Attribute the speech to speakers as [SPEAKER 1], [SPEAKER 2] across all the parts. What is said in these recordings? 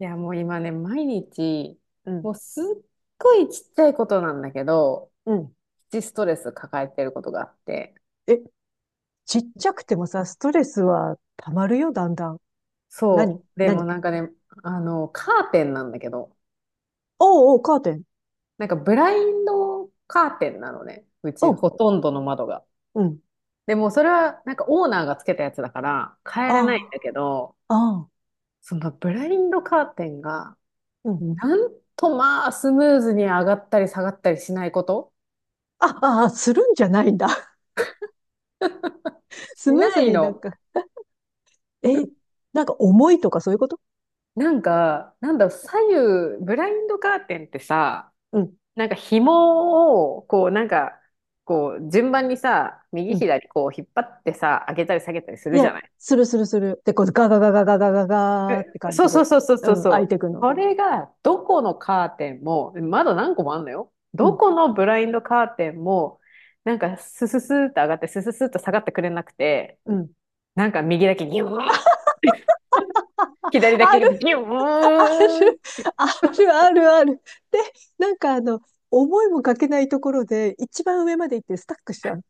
[SPEAKER 1] いや、もう今ね、毎日、
[SPEAKER 2] うん。
[SPEAKER 1] もうすっごいちっちゃいことなんだけど
[SPEAKER 2] うん。
[SPEAKER 1] プチストレス抱えてることがあって。
[SPEAKER 2] え、ちっちゃくてもさ、ストレスは溜まるよ、だんだん。何、
[SPEAKER 1] そう。でも
[SPEAKER 2] 何？
[SPEAKER 1] なんかね、カーテンなんだけど、
[SPEAKER 2] おうおう、カーテン。
[SPEAKER 1] なんかブラインドカーテンなのね。うち
[SPEAKER 2] おう、
[SPEAKER 1] ほとんどの窓が。
[SPEAKER 2] うん。
[SPEAKER 1] でもそれはなんかオーナーがつけたやつだから変えれないん
[SPEAKER 2] あ
[SPEAKER 1] だけど、
[SPEAKER 2] あ、ああ、
[SPEAKER 1] そのブラインドカーテンが、
[SPEAKER 2] うん。
[SPEAKER 1] なんとまあスムーズに上がったり下がったりしないこと、
[SPEAKER 2] あああ、するんじゃないんだ。
[SPEAKER 1] し
[SPEAKER 2] スムー
[SPEAKER 1] な
[SPEAKER 2] ス
[SPEAKER 1] い
[SPEAKER 2] になん
[SPEAKER 1] の。
[SPEAKER 2] か、え、なんか重いとかそういうこと？
[SPEAKER 1] 左右、ブラインドカーテンってさ、
[SPEAKER 2] うん、
[SPEAKER 1] 紐を、順番にさ、右
[SPEAKER 2] うん。
[SPEAKER 1] 左、こう、引っ張ってさ、上げたり下げたりす
[SPEAKER 2] い
[SPEAKER 1] るじ
[SPEAKER 2] や、
[SPEAKER 1] ゃない。
[SPEAKER 2] するするする。で、こうガガガガガガガガーって感
[SPEAKER 1] そ
[SPEAKER 2] じ
[SPEAKER 1] うそう
[SPEAKER 2] で、
[SPEAKER 1] そうそうそう
[SPEAKER 2] うん、
[SPEAKER 1] そ
[SPEAKER 2] 開い
[SPEAKER 1] う。
[SPEAKER 2] てくの。
[SPEAKER 1] それが、どこのカーテンも、まだ何個もあんのよ。
[SPEAKER 2] う
[SPEAKER 1] ど
[SPEAKER 2] ん、
[SPEAKER 1] このブラインドカーテンも、なんか、スススーっ上がって、スススーっ下がってくれなくて、
[SPEAKER 2] うん。
[SPEAKER 1] なんか右だけギューン、左だ
[SPEAKER 2] あ
[SPEAKER 1] け
[SPEAKER 2] る
[SPEAKER 1] ギュ
[SPEAKER 2] あ
[SPEAKER 1] ーン、
[SPEAKER 2] る、ある、ある。で、なんか思いもかけないところで、一番上まで行ってスタックしちゃう。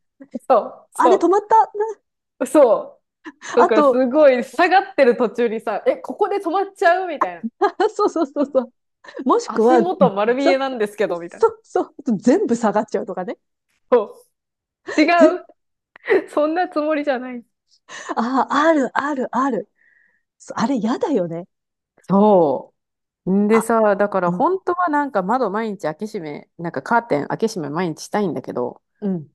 [SPEAKER 1] そう、
[SPEAKER 2] あれ、止
[SPEAKER 1] そ
[SPEAKER 2] まった？
[SPEAKER 1] う、そう。だ
[SPEAKER 2] あ
[SPEAKER 1] からす
[SPEAKER 2] と、
[SPEAKER 1] ごい下がってる途中にさ、え、ここで止まっちゃうみたいな。
[SPEAKER 2] そうそうそうそう。もしく
[SPEAKER 1] 足
[SPEAKER 2] は、
[SPEAKER 1] 元丸見え
[SPEAKER 2] そ、
[SPEAKER 1] なんですけど、みたいな。
[SPEAKER 2] そう、全部下がっちゃうとかね。
[SPEAKER 1] そう違
[SPEAKER 2] ぜ、
[SPEAKER 1] う。そんなつもりじゃない。
[SPEAKER 2] ああ、ある、ある、ある。そうあれ、やだよね。
[SPEAKER 1] そう。んで
[SPEAKER 2] あ、
[SPEAKER 1] さ、だから
[SPEAKER 2] うん、
[SPEAKER 1] 本当はなんか窓毎日開け閉め、なんかカーテン開け閉め毎日したいんだけど、
[SPEAKER 2] うん、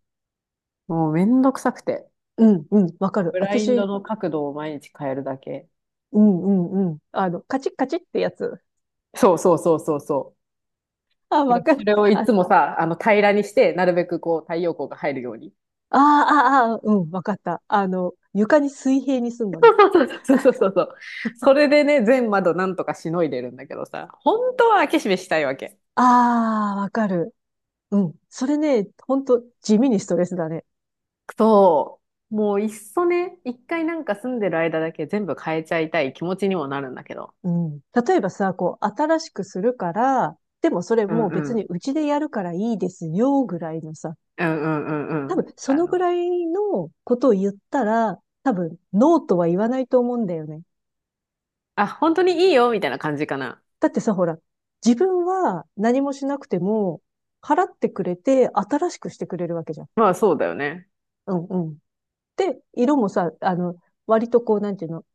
[SPEAKER 1] もうめんどくさくて。
[SPEAKER 2] うん、うん、わかる。
[SPEAKER 1] ブライン
[SPEAKER 2] 私、
[SPEAKER 1] ドの角度を毎日変えるだけ。
[SPEAKER 2] うん、うん、うん。あの、カチッカチッってやつ。
[SPEAKER 1] そうそうそうそうそ
[SPEAKER 2] あ、
[SPEAKER 1] う。だか
[SPEAKER 2] わ
[SPEAKER 1] ら
[SPEAKER 2] か
[SPEAKER 1] そ
[SPEAKER 2] る。
[SPEAKER 1] れを
[SPEAKER 2] あ、
[SPEAKER 1] い
[SPEAKER 2] あ
[SPEAKER 1] つもさ、あの平らにして、なるべくこう太陽光が入るように、
[SPEAKER 2] あ、ああ、うん、わかった。あの、床に水平にすんのね。
[SPEAKER 1] そうそうそうそう。それでね、全窓なんとかしのいでるんだけどさ、本当は開け閉めしたいわけ。
[SPEAKER 2] ああ、わかる。うん。それね、ほんと地味にストレスだね。
[SPEAKER 1] そう。もういっそね、一回なんか住んでる間だけ全部変えちゃいたい気持ちにもなるんだけど。
[SPEAKER 2] うん。例えばさ、こう、新しくするから、でもそれ
[SPEAKER 1] うん
[SPEAKER 2] もう
[SPEAKER 1] う
[SPEAKER 2] 別に
[SPEAKER 1] ん。
[SPEAKER 2] うちでやるからいいですよ、ぐらいのさ。
[SPEAKER 1] うんうんうんう
[SPEAKER 2] 多
[SPEAKER 1] ん。
[SPEAKER 2] 分、そのぐらいのことを言ったら、多分、ノーとは言わないと思うんだよね。
[SPEAKER 1] あ、本当にいいよみたいな感じかな。
[SPEAKER 2] だってさ、ほら、自分は何もしなくても、払ってくれて、新しくしてくれるわけじゃん。
[SPEAKER 1] まあそうだよね。
[SPEAKER 2] うんうん。で、色もさ、割とこう、なんていうの？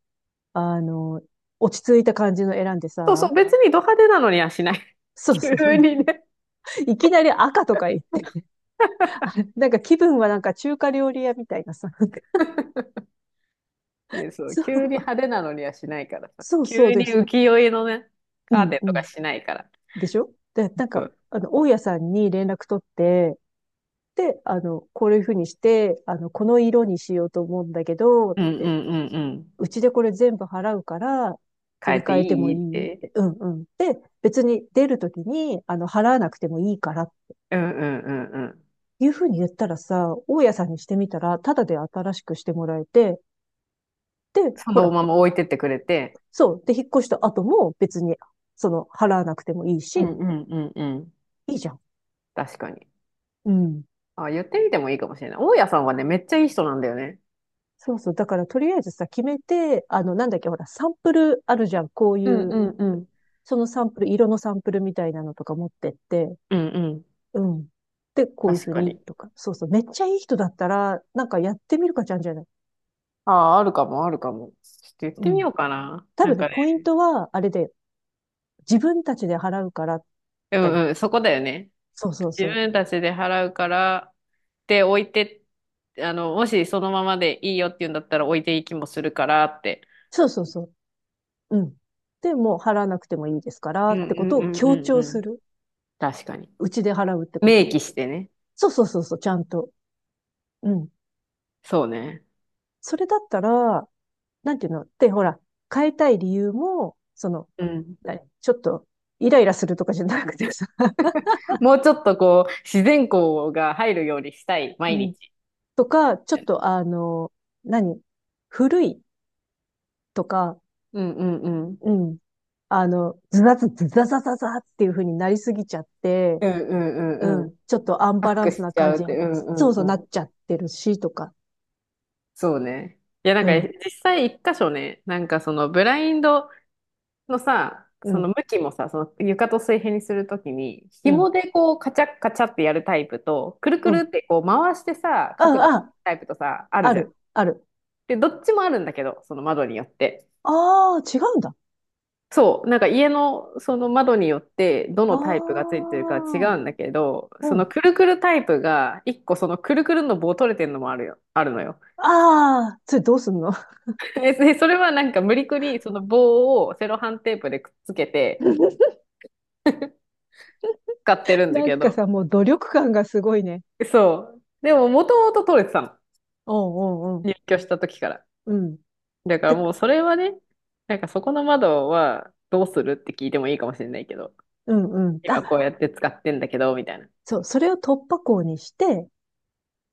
[SPEAKER 2] あの、落ち着いた感じの選んで
[SPEAKER 1] そうそ
[SPEAKER 2] さ、
[SPEAKER 1] う、別にド派手なのにはしない。
[SPEAKER 2] そうそ
[SPEAKER 1] 急
[SPEAKER 2] う。
[SPEAKER 1] にね。
[SPEAKER 2] いきなり赤とか言って、なんか気分はなんか中華料理屋みたいなさ、なんか
[SPEAKER 1] いや、そう、
[SPEAKER 2] そ
[SPEAKER 1] 急
[SPEAKER 2] う
[SPEAKER 1] に派手なのにはしないからさ。
[SPEAKER 2] そうそう
[SPEAKER 1] 急に
[SPEAKER 2] です。
[SPEAKER 1] 浮世絵のね、
[SPEAKER 2] う
[SPEAKER 1] カー
[SPEAKER 2] ん
[SPEAKER 1] テン
[SPEAKER 2] う
[SPEAKER 1] とか
[SPEAKER 2] ん。
[SPEAKER 1] しないから。
[SPEAKER 2] でしょ？で、なんか、大家さんに連絡取って、で、こういうふうにして、この色にしようと思うんだけど、っ
[SPEAKER 1] うんう
[SPEAKER 2] て、
[SPEAKER 1] んうんうん。
[SPEAKER 2] うちでこれ全部払うから、
[SPEAKER 1] 変
[SPEAKER 2] 取
[SPEAKER 1] え
[SPEAKER 2] り
[SPEAKER 1] て
[SPEAKER 2] 替えても
[SPEAKER 1] い
[SPEAKER 2] い
[SPEAKER 1] いっ
[SPEAKER 2] いっ
[SPEAKER 1] て。
[SPEAKER 2] て、うんうん。で、別に出るときに、払わなくてもいいから
[SPEAKER 1] うんうんうんうん。
[SPEAKER 2] いうふうに言ったらさ、大家さんにしてみたら、ただで新しくしてもらえて、で、
[SPEAKER 1] そ
[SPEAKER 2] ほ
[SPEAKER 1] の
[SPEAKER 2] ら、
[SPEAKER 1] まま置いてってくれて。
[SPEAKER 2] そう。で、引っ越した後も別に、払わなくてもいい
[SPEAKER 1] う
[SPEAKER 2] し、
[SPEAKER 1] んうんうんうん。
[SPEAKER 2] いいじゃん。
[SPEAKER 1] 確かに。
[SPEAKER 2] うん。
[SPEAKER 1] あ、言ってみてもいいかもしれない。大家さんはね、めっちゃいい人なんだよね。
[SPEAKER 2] そうそう。だからとりあえずさ、決めて、なんだっけ、ほら、サンプルあるじゃん。こう
[SPEAKER 1] う
[SPEAKER 2] い
[SPEAKER 1] んう
[SPEAKER 2] う、
[SPEAKER 1] んうん。
[SPEAKER 2] そのサンプル、色のサンプルみたいなのとか持ってって、
[SPEAKER 1] うんうん。
[SPEAKER 2] うん。で、こういう
[SPEAKER 1] 確
[SPEAKER 2] ふう
[SPEAKER 1] か
[SPEAKER 2] に、
[SPEAKER 1] に。
[SPEAKER 2] とか。そうそう。めっちゃいい人だったら、なんかやってみるかちゃんじゃない？
[SPEAKER 1] ああ、あるかも、あるかも。ちょっと言っ
[SPEAKER 2] う
[SPEAKER 1] てみ
[SPEAKER 2] ん。
[SPEAKER 1] ようかな。
[SPEAKER 2] 多
[SPEAKER 1] な
[SPEAKER 2] 分
[SPEAKER 1] ん
[SPEAKER 2] ね、
[SPEAKER 1] かね、
[SPEAKER 2] ポイントは、あれで、自分たちで払うから
[SPEAKER 1] う
[SPEAKER 2] だよ。
[SPEAKER 1] んうん、そこだよね。
[SPEAKER 2] そうそう
[SPEAKER 1] 自
[SPEAKER 2] そう。
[SPEAKER 1] 分たちで払うから、で、置いて、もしそのままでいいよって言うんだったら置いていきもするからって。
[SPEAKER 2] そうそうそう。うん。で、もう払わなくてもいいですから
[SPEAKER 1] うん
[SPEAKER 2] って
[SPEAKER 1] う
[SPEAKER 2] こと
[SPEAKER 1] ん
[SPEAKER 2] を
[SPEAKER 1] うん
[SPEAKER 2] 強
[SPEAKER 1] うんう
[SPEAKER 2] 調す
[SPEAKER 1] ん。
[SPEAKER 2] る。
[SPEAKER 1] 確かに。
[SPEAKER 2] うちで払うってこ
[SPEAKER 1] 明
[SPEAKER 2] と。
[SPEAKER 1] 記してね。
[SPEAKER 2] そうそうそうそう、ちゃんと。うん。
[SPEAKER 1] そうね。
[SPEAKER 2] それだったら、なんていうので、ほら、変えたい理由も、その、
[SPEAKER 1] うん。
[SPEAKER 2] 何ちょっと、イライラするとかじゃなくてさ、
[SPEAKER 1] もうちょっとこう、自然光が入るようにしたい、
[SPEAKER 2] う
[SPEAKER 1] 毎
[SPEAKER 2] ん。
[SPEAKER 1] 日。
[SPEAKER 2] とか、ちょっと、何古いとか、
[SPEAKER 1] うんうんうん。
[SPEAKER 2] うん。ズザズズザザザザっていう風になりすぎちゃって、
[SPEAKER 1] うんうんう
[SPEAKER 2] う
[SPEAKER 1] んうん。
[SPEAKER 2] ん。ちょっとアン
[SPEAKER 1] パ
[SPEAKER 2] バ
[SPEAKER 1] ッ
[SPEAKER 2] ラン
[SPEAKER 1] ク
[SPEAKER 2] ス
[SPEAKER 1] し
[SPEAKER 2] な
[SPEAKER 1] ち
[SPEAKER 2] 感
[SPEAKER 1] ゃうっ
[SPEAKER 2] じに、
[SPEAKER 1] て、うん
[SPEAKER 2] そう
[SPEAKER 1] う
[SPEAKER 2] そうな
[SPEAKER 1] んう
[SPEAKER 2] っ
[SPEAKER 1] ん。
[SPEAKER 2] ちゃってるし、とか。
[SPEAKER 1] そうね。いや、なん
[SPEAKER 2] う
[SPEAKER 1] か
[SPEAKER 2] ん、
[SPEAKER 1] 実際一箇所ね、なんかそのブラインドのさ、
[SPEAKER 2] う
[SPEAKER 1] その
[SPEAKER 2] ん、
[SPEAKER 1] 向きもさ、その床と水平にするときに、
[SPEAKER 2] うん、
[SPEAKER 1] 紐でこうカチャッカチャってやるタイプと、くるく
[SPEAKER 2] う
[SPEAKER 1] る
[SPEAKER 2] ん。
[SPEAKER 1] ってこう回してさ、
[SPEAKER 2] あ、
[SPEAKER 1] 角度
[SPEAKER 2] あ、
[SPEAKER 1] タイプとさ、ある
[SPEAKER 2] あ
[SPEAKER 1] じゃん。
[SPEAKER 2] る、ある。
[SPEAKER 1] で、どっちもあるんだけど、その窓によって。
[SPEAKER 2] ああ、違うんだ。
[SPEAKER 1] そう、なんか家のその窓によってど
[SPEAKER 2] あ
[SPEAKER 1] のタイプがついてるか違
[SPEAKER 2] あ、
[SPEAKER 1] うんだけど、そ
[SPEAKER 2] う
[SPEAKER 1] の
[SPEAKER 2] ん。
[SPEAKER 1] くるくるタイプが一個そのくるくるの棒取れてるのもあるよ、あるのよ。
[SPEAKER 2] ああ、それどうすんの？
[SPEAKER 1] で、でそれはなんか無理くりその棒をセロハンテープでくっつけて 使ってるんだ
[SPEAKER 2] なん
[SPEAKER 1] け
[SPEAKER 2] か
[SPEAKER 1] ど、
[SPEAKER 2] さ、もう努力感がすごいね。
[SPEAKER 1] そう。でももともと取れてたの。
[SPEAKER 2] うんうんうん。
[SPEAKER 1] 入居した時から。
[SPEAKER 2] うん。
[SPEAKER 1] だから
[SPEAKER 2] てか
[SPEAKER 1] もうそれはね、なんかそこの窓はどうするって聞いてもいいかもしれないけど、
[SPEAKER 2] うんうん。
[SPEAKER 1] 今こう
[SPEAKER 2] あ、
[SPEAKER 1] やって使ってんだけど、みたいな。
[SPEAKER 2] そう、それを突破口にして、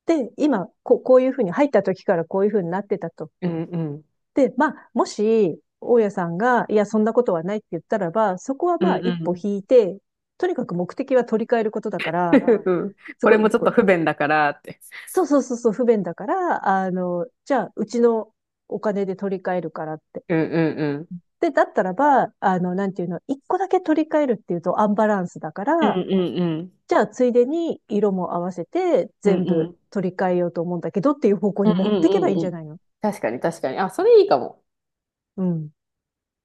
[SPEAKER 2] で、今、こう、こういうふうに入った時からこういうふうになってたと。
[SPEAKER 1] うんうん。
[SPEAKER 2] で、まあ、もし、大家さんが、いや、そんなことはないって言ったらば、そこは
[SPEAKER 1] うん
[SPEAKER 2] まあ、
[SPEAKER 1] う
[SPEAKER 2] 一歩
[SPEAKER 1] ん。
[SPEAKER 2] 引いて、とにかく目的は取り替えることだから、
[SPEAKER 1] うん、
[SPEAKER 2] そ
[SPEAKER 1] こ
[SPEAKER 2] こ
[SPEAKER 1] れ
[SPEAKER 2] 一
[SPEAKER 1] もちょっ
[SPEAKER 2] 歩、
[SPEAKER 1] と不便だからって。
[SPEAKER 2] そうそうそうそう、不便だから、じゃあ、うちのお金で取り替えるからって。
[SPEAKER 1] うんうんうん
[SPEAKER 2] で、だったらば、なんていうの、一個だけ取り替えるっていうとアンバランスだか
[SPEAKER 1] うん
[SPEAKER 2] ら、
[SPEAKER 1] うんうん。
[SPEAKER 2] じゃあ、ついでに色も合わせて
[SPEAKER 1] うん
[SPEAKER 2] 全
[SPEAKER 1] う
[SPEAKER 2] 部
[SPEAKER 1] ん。
[SPEAKER 2] 取り替えようと思うんだけどっていう方向
[SPEAKER 1] うん
[SPEAKER 2] に持
[SPEAKER 1] う
[SPEAKER 2] っ
[SPEAKER 1] ん
[SPEAKER 2] てけばいいん
[SPEAKER 1] う
[SPEAKER 2] じ
[SPEAKER 1] ん
[SPEAKER 2] ゃ
[SPEAKER 1] うん。
[SPEAKER 2] ないの？
[SPEAKER 1] 確かに確かに。あ、それいいかも。
[SPEAKER 2] うん。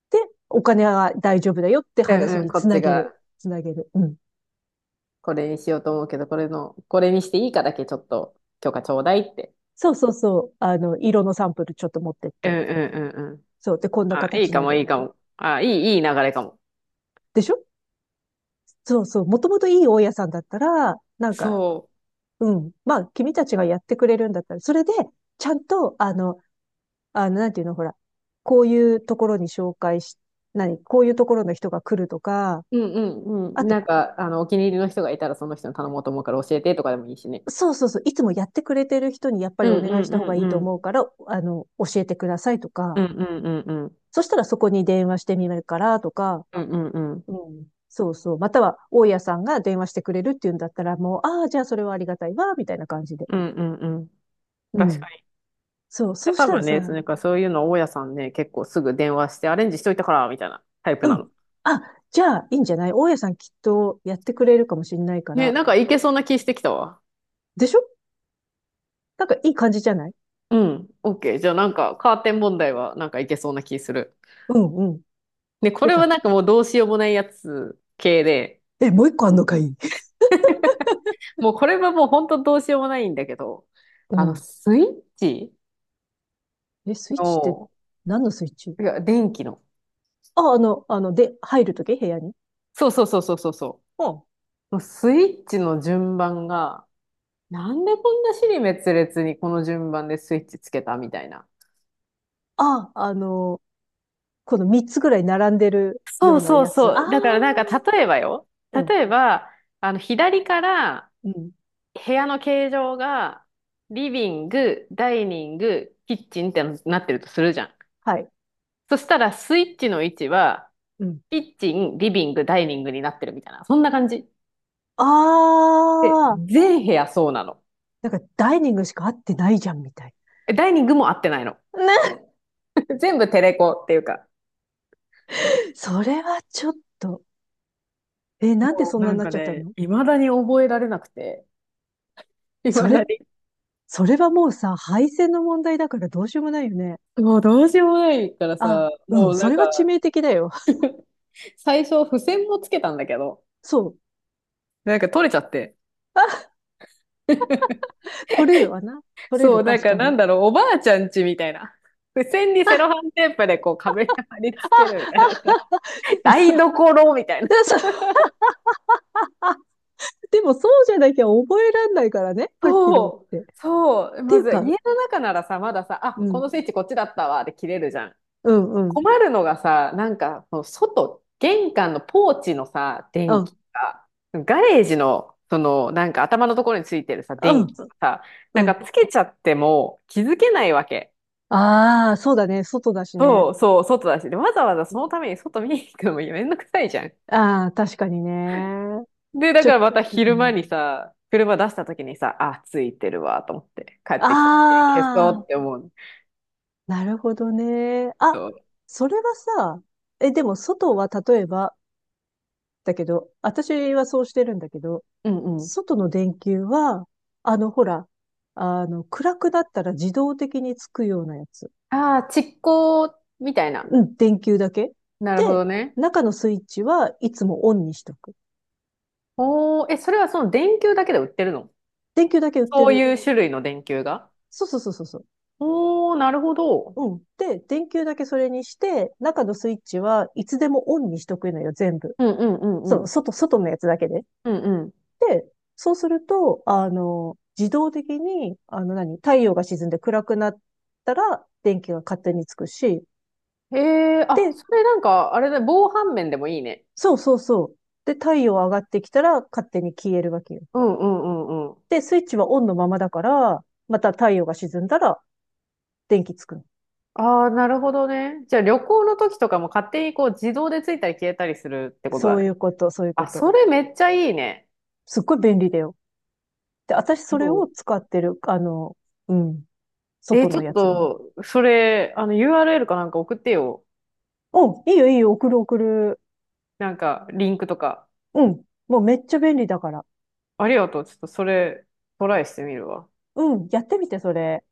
[SPEAKER 2] で、お金は大丈夫だよって
[SPEAKER 1] うん
[SPEAKER 2] 話
[SPEAKER 1] うん。ん
[SPEAKER 2] に
[SPEAKER 1] こ
[SPEAKER 2] つ
[SPEAKER 1] っ
[SPEAKER 2] な
[SPEAKER 1] ち
[SPEAKER 2] げ
[SPEAKER 1] が
[SPEAKER 2] る。つなげる。うん。
[SPEAKER 1] これにしようと思うけど、これの、これにしていいかだけちょっと許可ちょうだいって。
[SPEAKER 2] そうそうそう。色のサンプルちょっと持ってっ
[SPEAKER 1] うん
[SPEAKER 2] て。
[SPEAKER 1] うんうんうん。
[SPEAKER 2] そう。で、こんな
[SPEAKER 1] あ、いい
[SPEAKER 2] 形
[SPEAKER 1] か
[SPEAKER 2] の
[SPEAKER 1] も
[SPEAKER 2] でっ
[SPEAKER 1] いいか
[SPEAKER 2] て。
[SPEAKER 1] も。あ、いい、いい流れかも。
[SPEAKER 2] でしょ？そうそう。もともといい大家さんだったら、なんか
[SPEAKER 1] そ
[SPEAKER 2] うん。まあ、君たちがやってくれるんだったら、それで、ちゃんと、なんていうの、ほら、こういうところに紹介し、何、こういうところの人が来るとか、
[SPEAKER 1] う。うんうんう
[SPEAKER 2] あ
[SPEAKER 1] ん。
[SPEAKER 2] と、
[SPEAKER 1] お気に入りの人がいたらその人に頼もうと思うから教えてとかでもいいしね。
[SPEAKER 2] そうそうそう、いつもやってくれてる人にやっぱ
[SPEAKER 1] う
[SPEAKER 2] りお
[SPEAKER 1] んう
[SPEAKER 2] 願いし
[SPEAKER 1] ん
[SPEAKER 2] た
[SPEAKER 1] う
[SPEAKER 2] 方がい
[SPEAKER 1] ん
[SPEAKER 2] い
[SPEAKER 1] う
[SPEAKER 2] と思
[SPEAKER 1] ん。
[SPEAKER 2] うから、教えてくださいと
[SPEAKER 1] う
[SPEAKER 2] か、
[SPEAKER 1] んうんうんうん。
[SPEAKER 2] そしたらそこに電話してみるからとか、
[SPEAKER 1] うんうんうん。
[SPEAKER 2] うん。そうそう。または、大家さんが電話してくれるっていうんだったら、もう、ああ、じゃあそれはありがたいわ、みたいな感じで。
[SPEAKER 1] うんうんうん。
[SPEAKER 2] う
[SPEAKER 1] 確
[SPEAKER 2] ん。
[SPEAKER 1] かに。
[SPEAKER 2] そう、
[SPEAKER 1] い
[SPEAKER 2] そ
[SPEAKER 1] や、
[SPEAKER 2] うし
[SPEAKER 1] 多
[SPEAKER 2] たら
[SPEAKER 1] 分ね、その
[SPEAKER 2] さ、
[SPEAKER 1] なんかそういうの大家さんね、結構すぐ電話してアレンジしといたから、みたいなタイプ
[SPEAKER 2] う
[SPEAKER 1] な
[SPEAKER 2] ん。
[SPEAKER 1] の。
[SPEAKER 2] あ、じゃあ、いいんじゃない？大家さんきっとやってくれるかもしれないか
[SPEAKER 1] ね、
[SPEAKER 2] ら。
[SPEAKER 1] なんかいけそうな気してきたわ。
[SPEAKER 2] でしょ？なんかいい感じじゃない？
[SPEAKER 1] うん、OK。じゃあなんかカーテン問題はなんかいけそうな気する。
[SPEAKER 2] うんうん。
[SPEAKER 1] ね、こ
[SPEAKER 2] よ
[SPEAKER 1] れ
[SPEAKER 2] か
[SPEAKER 1] は
[SPEAKER 2] っ
[SPEAKER 1] な
[SPEAKER 2] た。
[SPEAKER 1] んかもうどうしようもないやつ系で、
[SPEAKER 2] え、もう一個あんのかい？
[SPEAKER 1] もうこれはもう本当どうしようもないんだけど、
[SPEAKER 2] うん。
[SPEAKER 1] スイッチ
[SPEAKER 2] え、スイッチって？
[SPEAKER 1] の、
[SPEAKER 2] 何のスイッチ？
[SPEAKER 1] いや、電気の。
[SPEAKER 2] あ、で、入るとき部屋に？
[SPEAKER 1] そうそうそうそうそうそ
[SPEAKER 2] うん。
[SPEAKER 1] う。もうスイッチの順番が、なんでこんな支離滅裂にこの順番でスイッチつけたみたいな。
[SPEAKER 2] あ、この三つぐらい並んでる
[SPEAKER 1] そ
[SPEAKER 2] よ
[SPEAKER 1] う
[SPEAKER 2] うな
[SPEAKER 1] そう
[SPEAKER 2] やつ。あ
[SPEAKER 1] そ
[SPEAKER 2] あ、
[SPEAKER 1] う。だからなんか例えばよ。
[SPEAKER 2] うん、
[SPEAKER 1] 例えば、左から
[SPEAKER 2] うん。
[SPEAKER 1] 部屋の形状がリビング、ダイニング、キッチンってなってるとするじゃん。
[SPEAKER 2] はい。
[SPEAKER 1] そしたらスイッチの位置は
[SPEAKER 2] うん。
[SPEAKER 1] キッチン、リビング、ダイニングになってるみたいな。そんな感じ。
[SPEAKER 2] あ
[SPEAKER 1] で、
[SPEAKER 2] あ、
[SPEAKER 1] 全部屋そうなの。
[SPEAKER 2] なんかダイニングしか合ってないじゃん、みたい
[SPEAKER 1] えダイニングも合ってないの。
[SPEAKER 2] な。ね。
[SPEAKER 1] 全部テレコっていうか。
[SPEAKER 2] それはちょっと。え、なんで
[SPEAKER 1] も
[SPEAKER 2] そ
[SPEAKER 1] う
[SPEAKER 2] んな
[SPEAKER 1] な
[SPEAKER 2] に
[SPEAKER 1] ん
[SPEAKER 2] なっ
[SPEAKER 1] か
[SPEAKER 2] ちゃった
[SPEAKER 1] ね、
[SPEAKER 2] の？
[SPEAKER 1] 未だに覚えられなくて。
[SPEAKER 2] そ
[SPEAKER 1] 未
[SPEAKER 2] れ、
[SPEAKER 1] だに。
[SPEAKER 2] それはもうさ、配線の問題だからどうしようもないよね。
[SPEAKER 1] もうどうしようもないから
[SPEAKER 2] あ、
[SPEAKER 1] さ、
[SPEAKER 2] うん、
[SPEAKER 1] もう
[SPEAKER 2] そ
[SPEAKER 1] なん
[SPEAKER 2] れは致
[SPEAKER 1] か、
[SPEAKER 2] 命的だよ。
[SPEAKER 1] 最初、付箋もつけたんだけど、
[SPEAKER 2] そう。
[SPEAKER 1] なんか取れちゃって。
[SPEAKER 2] あ、取れるわな。取れる、
[SPEAKER 1] そう、
[SPEAKER 2] 確かに。
[SPEAKER 1] おばあちゃんちみたいな。付箋にセロ
[SPEAKER 2] あ、
[SPEAKER 1] ハンテープでこう壁に貼り付けるみたいなさ、
[SPEAKER 2] でもそ、
[SPEAKER 1] 台所みたいな。
[SPEAKER 2] もそでもそうじゃなきゃ覚えらんないからね。はっきり
[SPEAKER 1] そう、
[SPEAKER 2] 言って。っ
[SPEAKER 1] そう。
[SPEAKER 2] てい
[SPEAKER 1] ま
[SPEAKER 2] う
[SPEAKER 1] ず家
[SPEAKER 2] か、
[SPEAKER 1] の中ならさ、まださ、
[SPEAKER 2] う
[SPEAKER 1] あ、こ
[SPEAKER 2] ん、
[SPEAKER 1] のスイッチこっちだったわで切れるじゃん。
[SPEAKER 2] うん、うん、
[SPEAKER 1] 困るのがさ、その外、玄関のポーチのさ、
[SPEAKER 2] う
[SPEAKER 1] 電気
[SPEAKER 2] ん、
[SPEAKER 1] が、ガレージの、その頭のところについてるさ、
[SPEAKER 2] う
[SPEAKER 1] 電
[SPEAKER 2] ん、
[SPEAKER 1] 気とかさ、
[SPEAKER 2] う
[SPEAKER 1] なんか
[SPEAKER 2] ん。
[SPEAKER 1] つけちゃっても気づけないわけ。
[SPEAKER 2] ああ、そうだね。外だしね。
[SPEAKER 1] そうそう、外だし。で、わざわざそのために外見に行くのもめんどくさいじゃん。
[SPEAKER 2] ああ、確かにね。
[SPEAKER 1] で、だ
[SPEAKER 2] ち
[SPEAKER 1] か
[SPEAKER 2] ょ、
[SPEAKER 1] らまた
[SPEAKER 2] う
[SPEAKER 1] 昼間
[SPEAKER 2] ん、
[SPEAKER 1] にさ、車出した時にさ、あ、ついてるわ、と思って帰ってきた時に消
[SPEAKER 2] あ
[SPEAKER 1] そう
[SPEAKER 2] あ、
[SPEAKER 1] って思う。
[SPEAKER 2] なるほどね。あ、
[SPEAKER 1] そう。
[SPEAKER 2] それはさ、え、でも外は例えば、だけど、私はそうしてるんだけど、
[SPEAKER 1] うんうん。
[SPEAKER 2] 外の電球は、ほら、暗くなったら自動的につくようなやつ。
[SPEAKER 1] ああ、蓄光みたいな。
[SPEAKER 2] うん、電球だけ。
[SPEAKER 1] なるほ
[SPEAKER 2] で、
[SPEAKER 1] どね。
[SPEAKER 2] 中のスイッチはいつもオンにしとく。
[SPEAKER 1] おー、え、それはその電球だけで売ってるの、
[SPEAKER 2] 電球だけ売って
[SPEAKER 1] そう
[SPEAKER 2] る。
[SPEAKER 1] いう種類の電球が。
[SPEAKER 2] そうそうそうそうそう。
[SPEAKER 1] おー、なるほど。
[SPEAKER 2] うん。で、電球だけそれにして、中のスイッチはいつでもオンにしとくのよ、全部。
[SPEAKER 1] うんうんうんう
[SPEAKER 2] そう、
[SPEAKER 1] ん。
[SPEAKER 2] 外のやつだけで。
[SPEAKER 1] うん
[SPEAKER 2] で、そうすると、自動的に、何、太陽が沈んで暗くなったら、電気が勝手につくし、
[SPEAKER 1] うん。えー、あ、
[SPEAKER 2] で、
[SPEAKER 1] それなんか、あれだ、防犯面でもいいね。
[SPEAKER 2] そうそうそう。で、太陽上がってきたら、勝手に消えるわけよ。
[SPEAKER 1] うんうんうんうん。
[SPEAKER 2] で、スイッチはオンのままだから、また太陽が沈んだら、電気つくの。
[SPEAKER 1] ああ、なるほどね。じゃあ旅行の時とかも勝手にこう自動でついたり消えたりするってこと
[SPEAKER 2] そ
[SPEAKER 1] だ
[SPEAKER 2] うい
[SPEAKER 1] ね。
[SPEAKER 2] うこと、そういうこ
[SPEAKER 1] あ、
[SPEAKER 2] と。
[SPEAKER 1] それめっちゃいいね。
[SPEAKER 2] すっごい便利だよ。で、私それ
[SPEAKER 1] そ
[SPEAKER 2] を使ってる、うん、
[SPEAKER 1] う。えー
[SPEAKER 2] 外
[SPEAKER 1] ちょ
[SPEAKER 2] の
[SPEAKER 1] っ
[SPEAKER 2] やつには。
[SPEAKER 1] と、それ、URL かなんか送ってよ。
[SPEAKER 2] うん、いいよいいよ、送る送る。
[SPEAKER 1] なんか、リンクとか。
[SPEAKER 2] うん、もうめっちゃ便利だから。
[SPEAKER 1] ありがとう。ちょっとそれ、トライしてみるわ。
[SPEAKER 2] うん、やってみて、それ。